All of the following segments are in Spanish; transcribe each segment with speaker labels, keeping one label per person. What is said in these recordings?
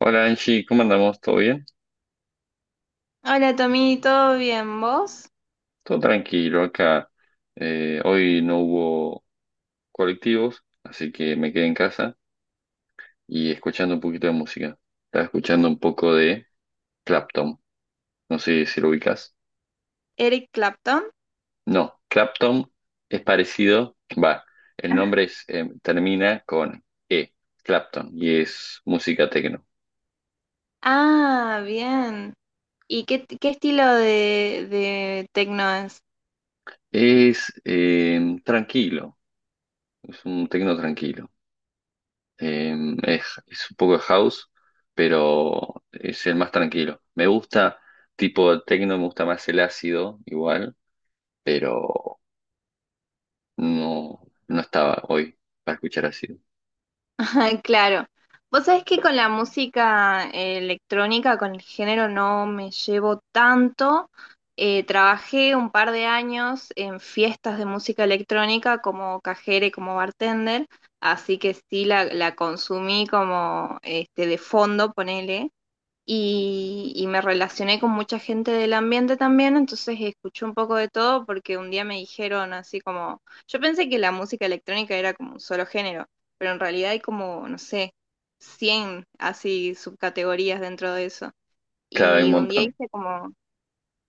Speaker 1: Hola Angie, ¿cómo andamos? ¿Todo bien?
Speaker 2: Hola Tommy, ¿todo bien? ¿Vos?
Speaker 1: Todo tranquilo acá. Hoy no hubo colectivos, así que me quedé en casa y escuchando un poquito de música. Estaba escuchando un poco de Clapton. No sé si lo ubicas.
Speaker 2: ¿Eric Clapton?
Speaker 1: No, Clapton es parecido. Va, el nombre termina con E, Clapton, y es música tecno.
Speaker 2: Ah, bien. ¿Y qué estilo de tecno es?
Speaker 1: Es tranquilo, es un tecno tranquilo. Es un poco de house, pero es el más tranquilo. Me gusta tipo techno, me gusta más el ácido igual, pero no, no estaba hoy para escuchar ácido.
Speaker 2: Claro. Vos sabés que con la música electrónica, con el género, no me llevo tanto. Trabajé un par de años en fiestas de música electrónica como cajera y como bartender, así que sí la consumí como este, de fondo, ponele y me relacioné con mucha gente del ambiente también, entonces escuché un poco de todo porque un día me dijeron así como, yo pensé que la música electrónica era como un solo género, pero en realidad hay como, no sé, 100 así subcategorías dentro de eso.
Speaker 1: Claro, hay un
Speaker 2: Y un día
Speaker 1: montón.
Speaker 2: hice como,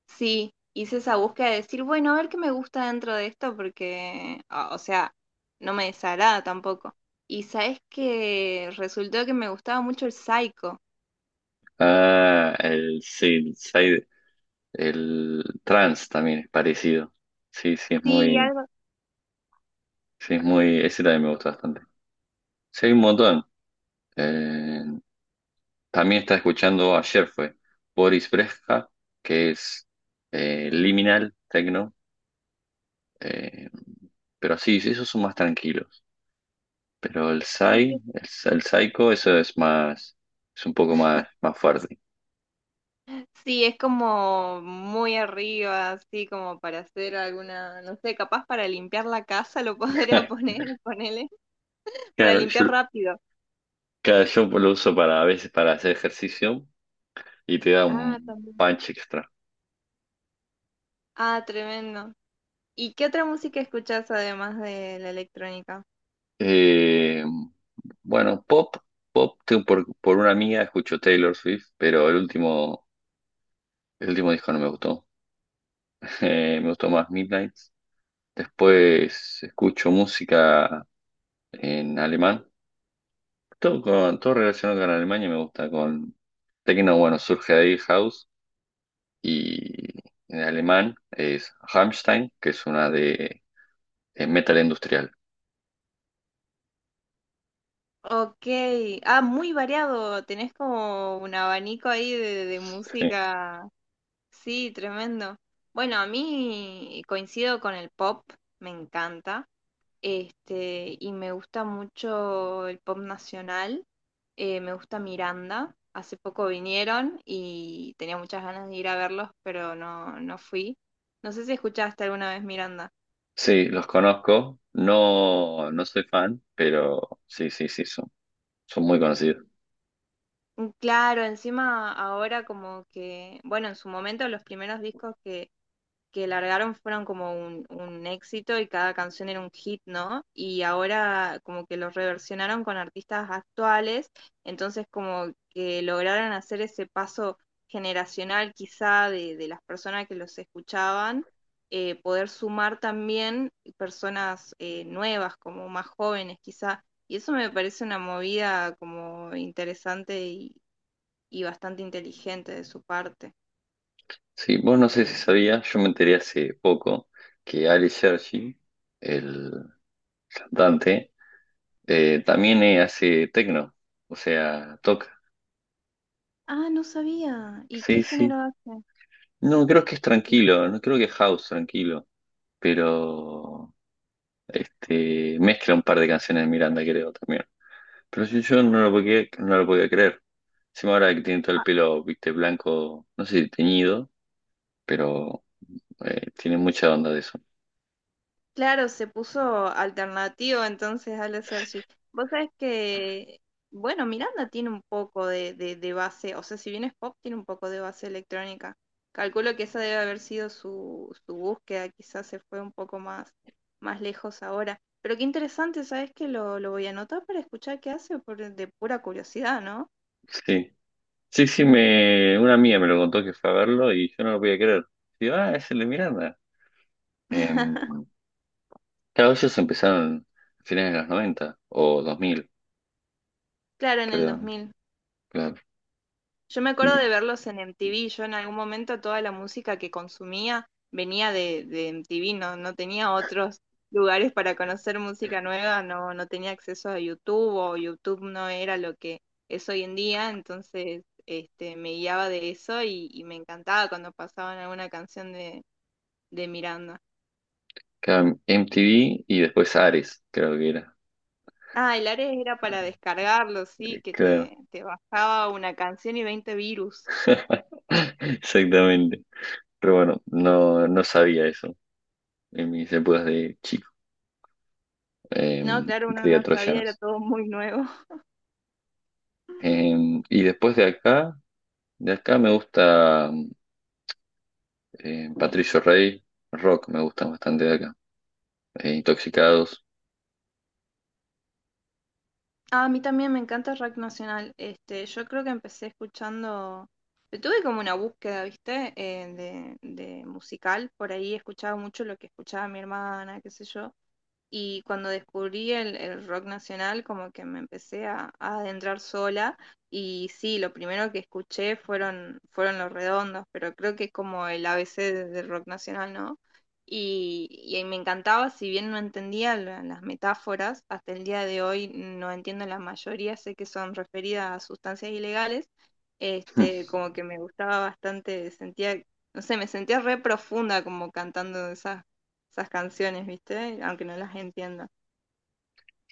Speaker 2: sí, hice esa búsqueda de decir, bueno, a ver qué me gusta dentro de esto porque, o sea, no me desagrada tampoco. Y sabes que resultó que me gustaba mucho el psycho.
Speaker 1: Ah, sí, el trance también es parecido. Sí, sí,
Speaker 2: Sí, algo,
Speaker 1: sí, ese también me gusta bastante. Sí, hay un montón. Eh, También estaba escuchando ayer fue Boris Brejcha, que es liminal, techno, eh, pero sí, sí, esos son más tranquilos. Pero el
Speaker 2: sí,
Speaker 1: Psy,
Speaker 2: sí,
Speaker 1: el, el Psycho, eso es un poco más, más fuerte.
Speaker 2: sí, es como muy arriba, así como para hacer alguna, no sé, capaz para limpiar la casa lo podría poner, ponele, para
Speaker 1: Claro,
Speaker 2: limpiar
Speaker 1: yo,
Speaker 2: rápido.
Speaker 1: claro, yo lo uso para a veces para hacer ejercicio y te da
Speaker 2: Ah,
Speaker 1: un
Speaker 2: también.
Speaker 1: punch extra.
Speaker 2: Ah, tremendo. ¿Y qué otra música escuchás además de la electrónica?
Speaker 1: Eh, bueno, pop, tengo por una amiga escucho Taylor Swift, pero el último disco no me gustó. Me gustó más Midnight. Después escucho música en alemán. Todo relacionado con Alemania me gusta. Con techno, bueno, surge de ahí House. Y en alemán es Rammstein, que es una de metal industrial.
Speaker 2: Ok, ah, muy variado, tenés como un abanico ahí de
Speaker 1: Sí.
Speaker 2: música. Sí, tremendo. Bueno, a mí coincido con el pop, me encanta. Este, y me gusta mucho el pop nacional. Me gusta Miranda. Hace poco vinieron y tenía muchas ganas de ir a verlos, pero no fui. No sé si escuchaste alguna vez Miranda.
Speaker 1: Sí, los conozco. No, no soy fan, pero sí, sí, sí, son muy conocidos.
Speaker 2: Mm, claro, encima ahora como que, bueno, en su momento los primeros discos que largaron fueron como un éxito y cada canción era un hit, ¿no? Y ahora como que los reversionaron con artistas actuales, entonces como que lograron hacer ese paso generacional quizá de las personas que los escuchaban, poder sumar también personas nuevas, como más jóvenes quizá. Y eso me parece una movida como interesante y bastante inteligente de su parte.
Speaker 1: Sí, vos no sé si sabías, yo me enteré hace poco que Ali Sergi, el cantante, también hace techno, o sea, toca.
Speaker 2: Ah, no sabía. ¿Y qué
Speaker 1: Sí, sí.
Speaker 2: género hace?
Speaker 1: No, creo que es tranquilo, no creo que es house tranquilo, pero este mezcla un par de canciones de Miranda, creo también. Pero sí, yo no lo podía creer. Encima ahora que tiene todo el
Speaker 2: Ah,
Speaker 1: pelo, viste, blanco, no sé si teñido, pero tiene mucha onda de eso.
Speaker 2: claro, se puso alternativo entonces al Sergi. Vos sabés que, bueno, Miranda tiene un poco de base, o sea, si bien es pop, tiene un poco de base electrónica. Calculo que esa debe haber sido su búsqueda, quizás se fue un poco más, más lejos ahora. Pero qué interesante, ¿sabés que lo voy a anotar para escuchar qué hace por, de pura curiosidad, ¿no?
Speaker 1: Sí, sí, sí, una amiga me lo contó que fue a verlo y yo no lo podía creer. Digo, ah, es el de Miranda. Eh, Claro, ellos empezaron a finales de los 90 o 2000
Speaker 2: Claro, en el dos
Speaker 1: creo.
Speaker 2: mil.
Speaker 1: Claro.
Speaker 2: Yo me acuerdo
Speaker 1: Y
Speaker 2: de verlos en MTV. Yo en algún momento toda la música que consumía venía de MTV, no, no tenía otros lugares para conocer música nueva, no, no tenía acceso a YouTube o YouTube no era lo que es hoy en día, entonces este, me guiaba de eso y me encantaba cuando pasaban alguna canción de Miranda.
Speaker 1: claro, MTV y después Ares, creo que era.
Speaker 2: Ah, el Ares era para descargarlo, sí,
Speaker 1: Claro.
Speaker 2: te bajaba una canción y 20 virus.
Speaker 1: Exactamente. Pero bueno, no, no sabía eso en mis épocas de chico,
Speaker 2: No, claro,
Speaker 1: que
Speaker 2: uno
Speaker 1: traía
Speaker 2: no sabía, era
Speaker 1: troyanos.
Speaker 2: todo muy nuevo.
Speaker 1: Y después de acá me gusta Patricio Rey, rock me gusta bastante de acá. Intoxicados.
Speaker 2: Ah, a mí también me encanta rock nacional. Este, yo creo que empecé escuchando, tuve como una búsqueda, ¿viste? De musical. Por ahí escuchaba mucho lo que escuchaba mi hermana, qué sé yo. Y cuando descubrí el rock nacional, como que me empecé a adentrar sola. Y sí, lo primero que escuché fueron, fueron Los Redondos, pero creo que es como el ABC de- del rock nacional, ¿no? Y ahí me encantaba, si bien no entendía la- las metáforas, hasta el día de hoy no entiendo la mayoría, sé que son referidas a sustancias ilegales, este, como que me gustaba bastante, sentía, no sé, me sentía re profunda como cantando esas canciones, ¿viste? Aunque no las entienda.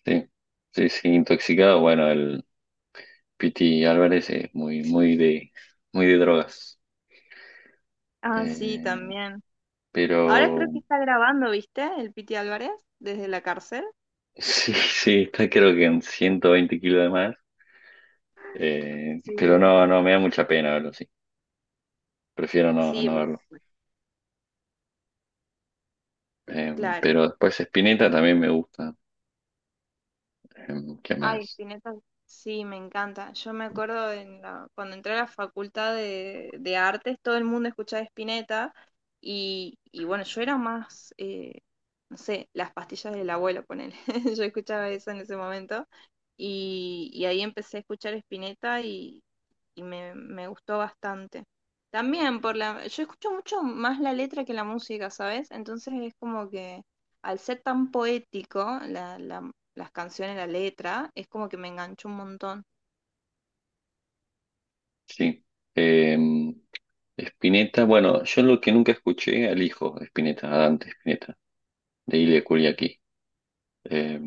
Speaker 1: Sí, sí, sí, Intoxicados, bueno, el Piti Álvarez es muy, muy de drogas.
Speaker 2: Ah, sí,
Speaker 1: Eh,
Speaker 2: también.
Speaker 1: pero
Speaker 2: Ahora creo que está grabando, ¿viste? El Piti Álvarez desde la cárcel.
Speaker 1: sí, sí, está creo que en 120 kilos de más. Pero
Speaker 2: Sí.
Speaker 1: no, no, me da mucha pena verlo, sí. Prefiero no,
Speaker 2: Sí,
Speaker 1: no
Speaker 2: por-
Speaker 1: verlo. Eh,
Speaker 2: claro.
Speaker 1: pero después Spinetta también me gusta. Eh, ¿Qué
Speaker 2: Ay,
Speaker 1: más?
Speaker 2: Spinetta, sí, me encanta. Yo me acuerdo en la- cuando entré a la facultad de artes, todo el mundo escuchaba Spinetta y bueno, yo era más, no sé, las pastillas del abuelo, ponele. Yo escuchaba eso en ese momento y ahí empecé a escuchar Spinetta y me gustó bastante. También por la, yo escucho mucho más la letra que la música, ¿sabes? Entonces es como que al ser tan poético, la las canciones, la letra, es como que me enganchó un montón.
Speaker 1: Sí. Eh, Spinetta, bueno, yo lo que nunca escuché al hijo de Spinetta, a Dante Spinetta, de Ile Kuriaki. Eh,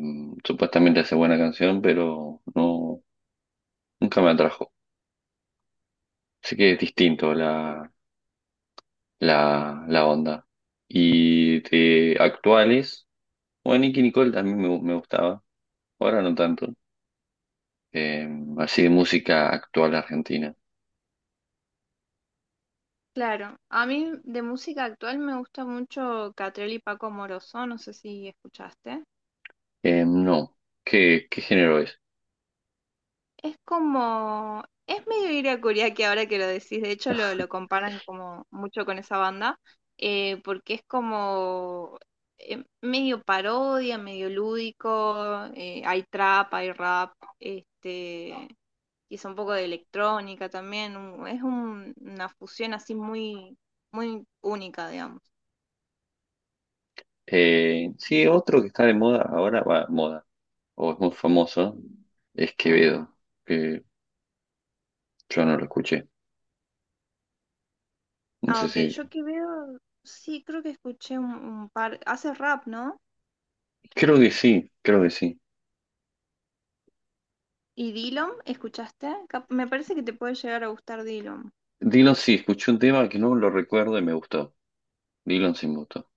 Speaker 1: Supuestamente hace buena canción, pero no, nunca me atrajo. Así que es distinto la onda. Y de actuales, bueno, Nicki Nicole también me gustaba, ahora no tanto. Eh, Así de música actual argentina.
Speaker 2: Claro, a mí de música actual me gusta mucho Catriel y Paco Amoroso, no sé si escuchaste.
Speaker 1: No, ¿qué género es?
Speaker 2: Es como, es medio Ira que ahora que lo decís, de hecho lo comparan como mucho con esa banda, porque es como medio parodia, medio lúdico, hay trap, hay rap, este, quizá un poco de electrónica también, una fusión así muy, muy única, digamos.
Speaker 1: Sí, otro que está de moda ahora, va, moda, o es muy famoso, es Quevedo, que yo no lo escuché. No
Speaker 2: Ah,
Speaker 1: sé
Speaker 2: ok,
Speaker 1: si,
Speaker 2: yo que veo, sí, creo que escuché un par, hace rap, ¿no?
Speaker 1: creo que sí, creo que sí.
Speaker 2: ¿Y Dillom? ¿Escuchaste? Cap- Me parece que te puede llegar a gustar Dillom.
Speaker 1: Dylan sí, escuché un tema que no lo recuerdo y me gustó. Dylan sí me gustó.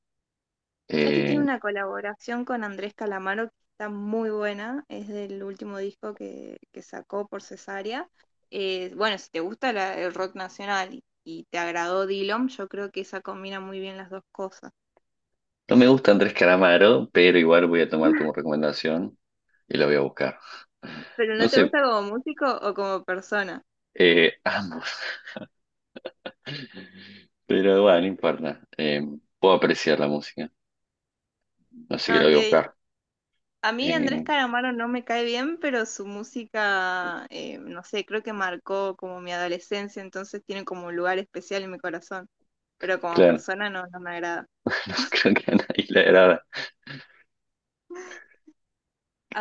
Speaker 2: ¿Sabes que
Speaker 1: Eh,
Speaker 2: tiene una colaboración con Andrés Calamaro que está muy buena? Es del último disco que sacó por Cesárea. Bueno, si te gusta la- el rock nacional y te agradó Dillom, yo creo que esa combina muy bien las dos cosas.
Speaker 1: No me gusta Andrés Calamaro, pero igual voy a tomar tu recomendación y la voy a buscar.
Speaker 2: ¿Pero no
Speaker 1: No
Speaker 2: te
Speaker 1: sé,
Speaker 2: gusta como músico o como persona?
Speaker 1: ambos, pero bueno, no importa. Puedo apreciar la música, así que la voy a
Speaker 2: Ok,
Speaker 1: buscar.
Speaker 2: a mí Andrés
Speaker 1: Eh,
Speaker 2: Calamaro no me cae bien, pero su música, no sé, creo que marcó como mi adolescencia, entonces tiene como un lugar especial en mi corazón, pero como
Speaker 1: claro,
Speaker 2: persona no, no me agrada.
Speaker 1: no creo que a nadie le agrada.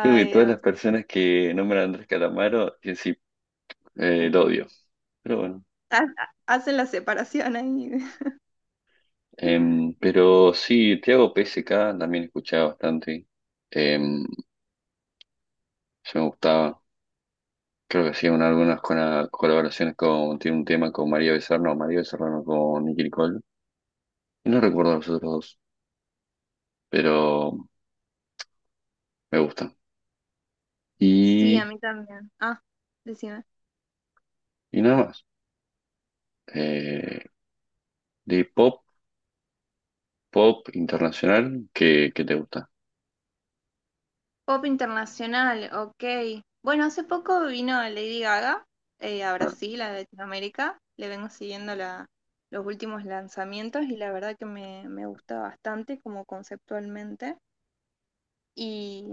Speaker 1: Creo que todas las
Speaker 2: Dios.
Speaker 1: personas que nombran a Andrés Calamaro, que sí, lo odio. Pero bueno,
Speaker 2: Ha- Hacen la separación ahí.
Speaker 1: Pero sí, Tiago PSK también escuchaba bastante. Em, yo me gustaba. Creo que sí, algunas con colaboraciones tiene un tema con María Becerra no, con Nicki Nicole. Y no recuerdo los otros dos, pero me gustan.
Speaker 2: Sí, a
Speaker 1: Y,
Speaker 2: mí también. Ah, decime.
Speaker 1: y nada más. Eh, de pop internacional, ¿qué te gusta?
Speaker 2: Pop internacional, ok. Bueno, hace poco vino Lady Gaga a
Speaker 1: Ah,
Speaker 2: Brasil, a Latinoamérica. Le vengo siguiendo la, los últimos lanzamientos y la verdad que me gusta bastante como conceptualmente. ¿Y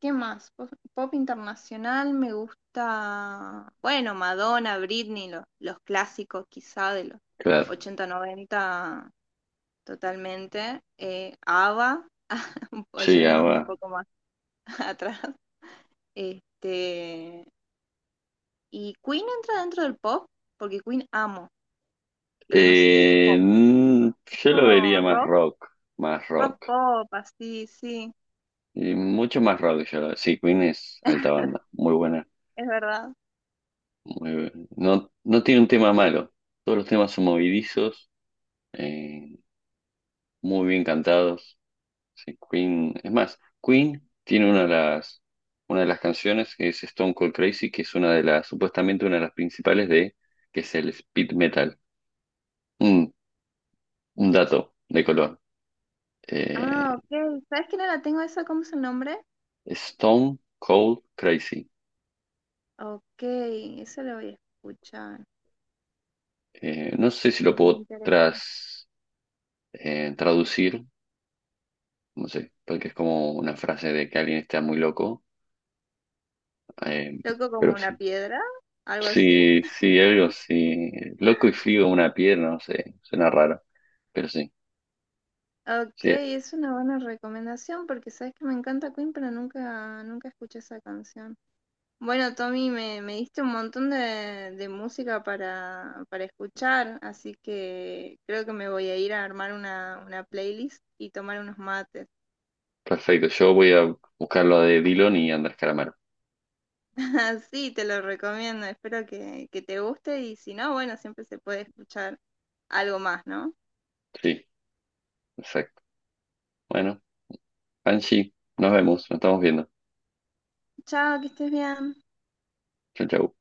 Speaker 2: qué más? Pop, pop internacional me gusta, bueno, Madonna, Britney, lo- los clásicos quizá de los
Speaker 1: claro.
Speaker 2: 80 90 totalmente. ABBA, un
Speaker 1: Sí,
Speaker 2: yéndonos un
Speaker 1: ahora.
Speaker 2: poco más atrás. Este, y Queen entra dentro del pop, porque Queen amo, pero no sé si es
Speaker 1: Eh,
Speaker 2: pop,
Speaker 1: mm,
Speaker 2: es
Speaker 1: yo lo
Speaker 2: como
Speaker 1: vería más
Speaker 2: rock,
Speaker 1: rock, más
Speaker 2: rock
Speaker 1: rock.
Speaker 2: pop, así, sí,
Speaker 1: Y mucho más rock, sí, Queen es alta banda, muy buena.
Speaker 2: es verdad.
Speaker 1: Muy, bu- no, no tiene un tema malo. Todos los temas son movidizos eh, muy bien cantados. Sí, Queen, Queen tiene una de las canciones que es Stone Cold Crazy, que es una de las, supuestamente una de las principales que es el speed metal. Un, un dato de color.
Speaker 2: Ah,
Speaker 1: Eh,
Speaker 2: ok, ¿sabes que no la tengo esa? ¿Cómo es el nombre?
Speaker 1: Stone Cold Crazy.
Speaker 2: Ok, eso lo voy a escuchar.
Speaker 1: No sé si lo
Speaker 2: Me
Speaker 1: puedo
Speaker 2: interesa.
Speaker 1: traducir, no sé, porque es como una frase de que alguien está muy loco, eh,
Speaker 2: Loco como
Speaker 1: pero
Speaker 2: una
Speaker 1: sí.
Speaker 2: piedra, algo así.
Speaker 1: Sí, sí, algo así. Loco y frío una pierna, no sé, suena raro, pero sí,
Speaker 2: Ok,
Speaker 1: sí,
Speaker 2: es una buena recomendación porque sabes que me encanta Queen, pero nunca, nunca escuché esa canción. Bueno, Tommy, me diste un montón de música para escuchar, así que creo que me voy a ir a armar una playlist y tomar unos mates.
Speaker 1: perfecto. Yo voy a buscar lo de Dillon y Andrés Calamaro.
Speaker 2: Así te lo recomiendo, espero que te guste y si no, bueno, siempre se puede escuchar algo más, ¿no?
Speaker 1: Sí, exacto. Bueno, Angie, nos vemos, nos estamos viendo.
Speaker 2: Chao, que estés bien.
Speaker 1: Chau, chau.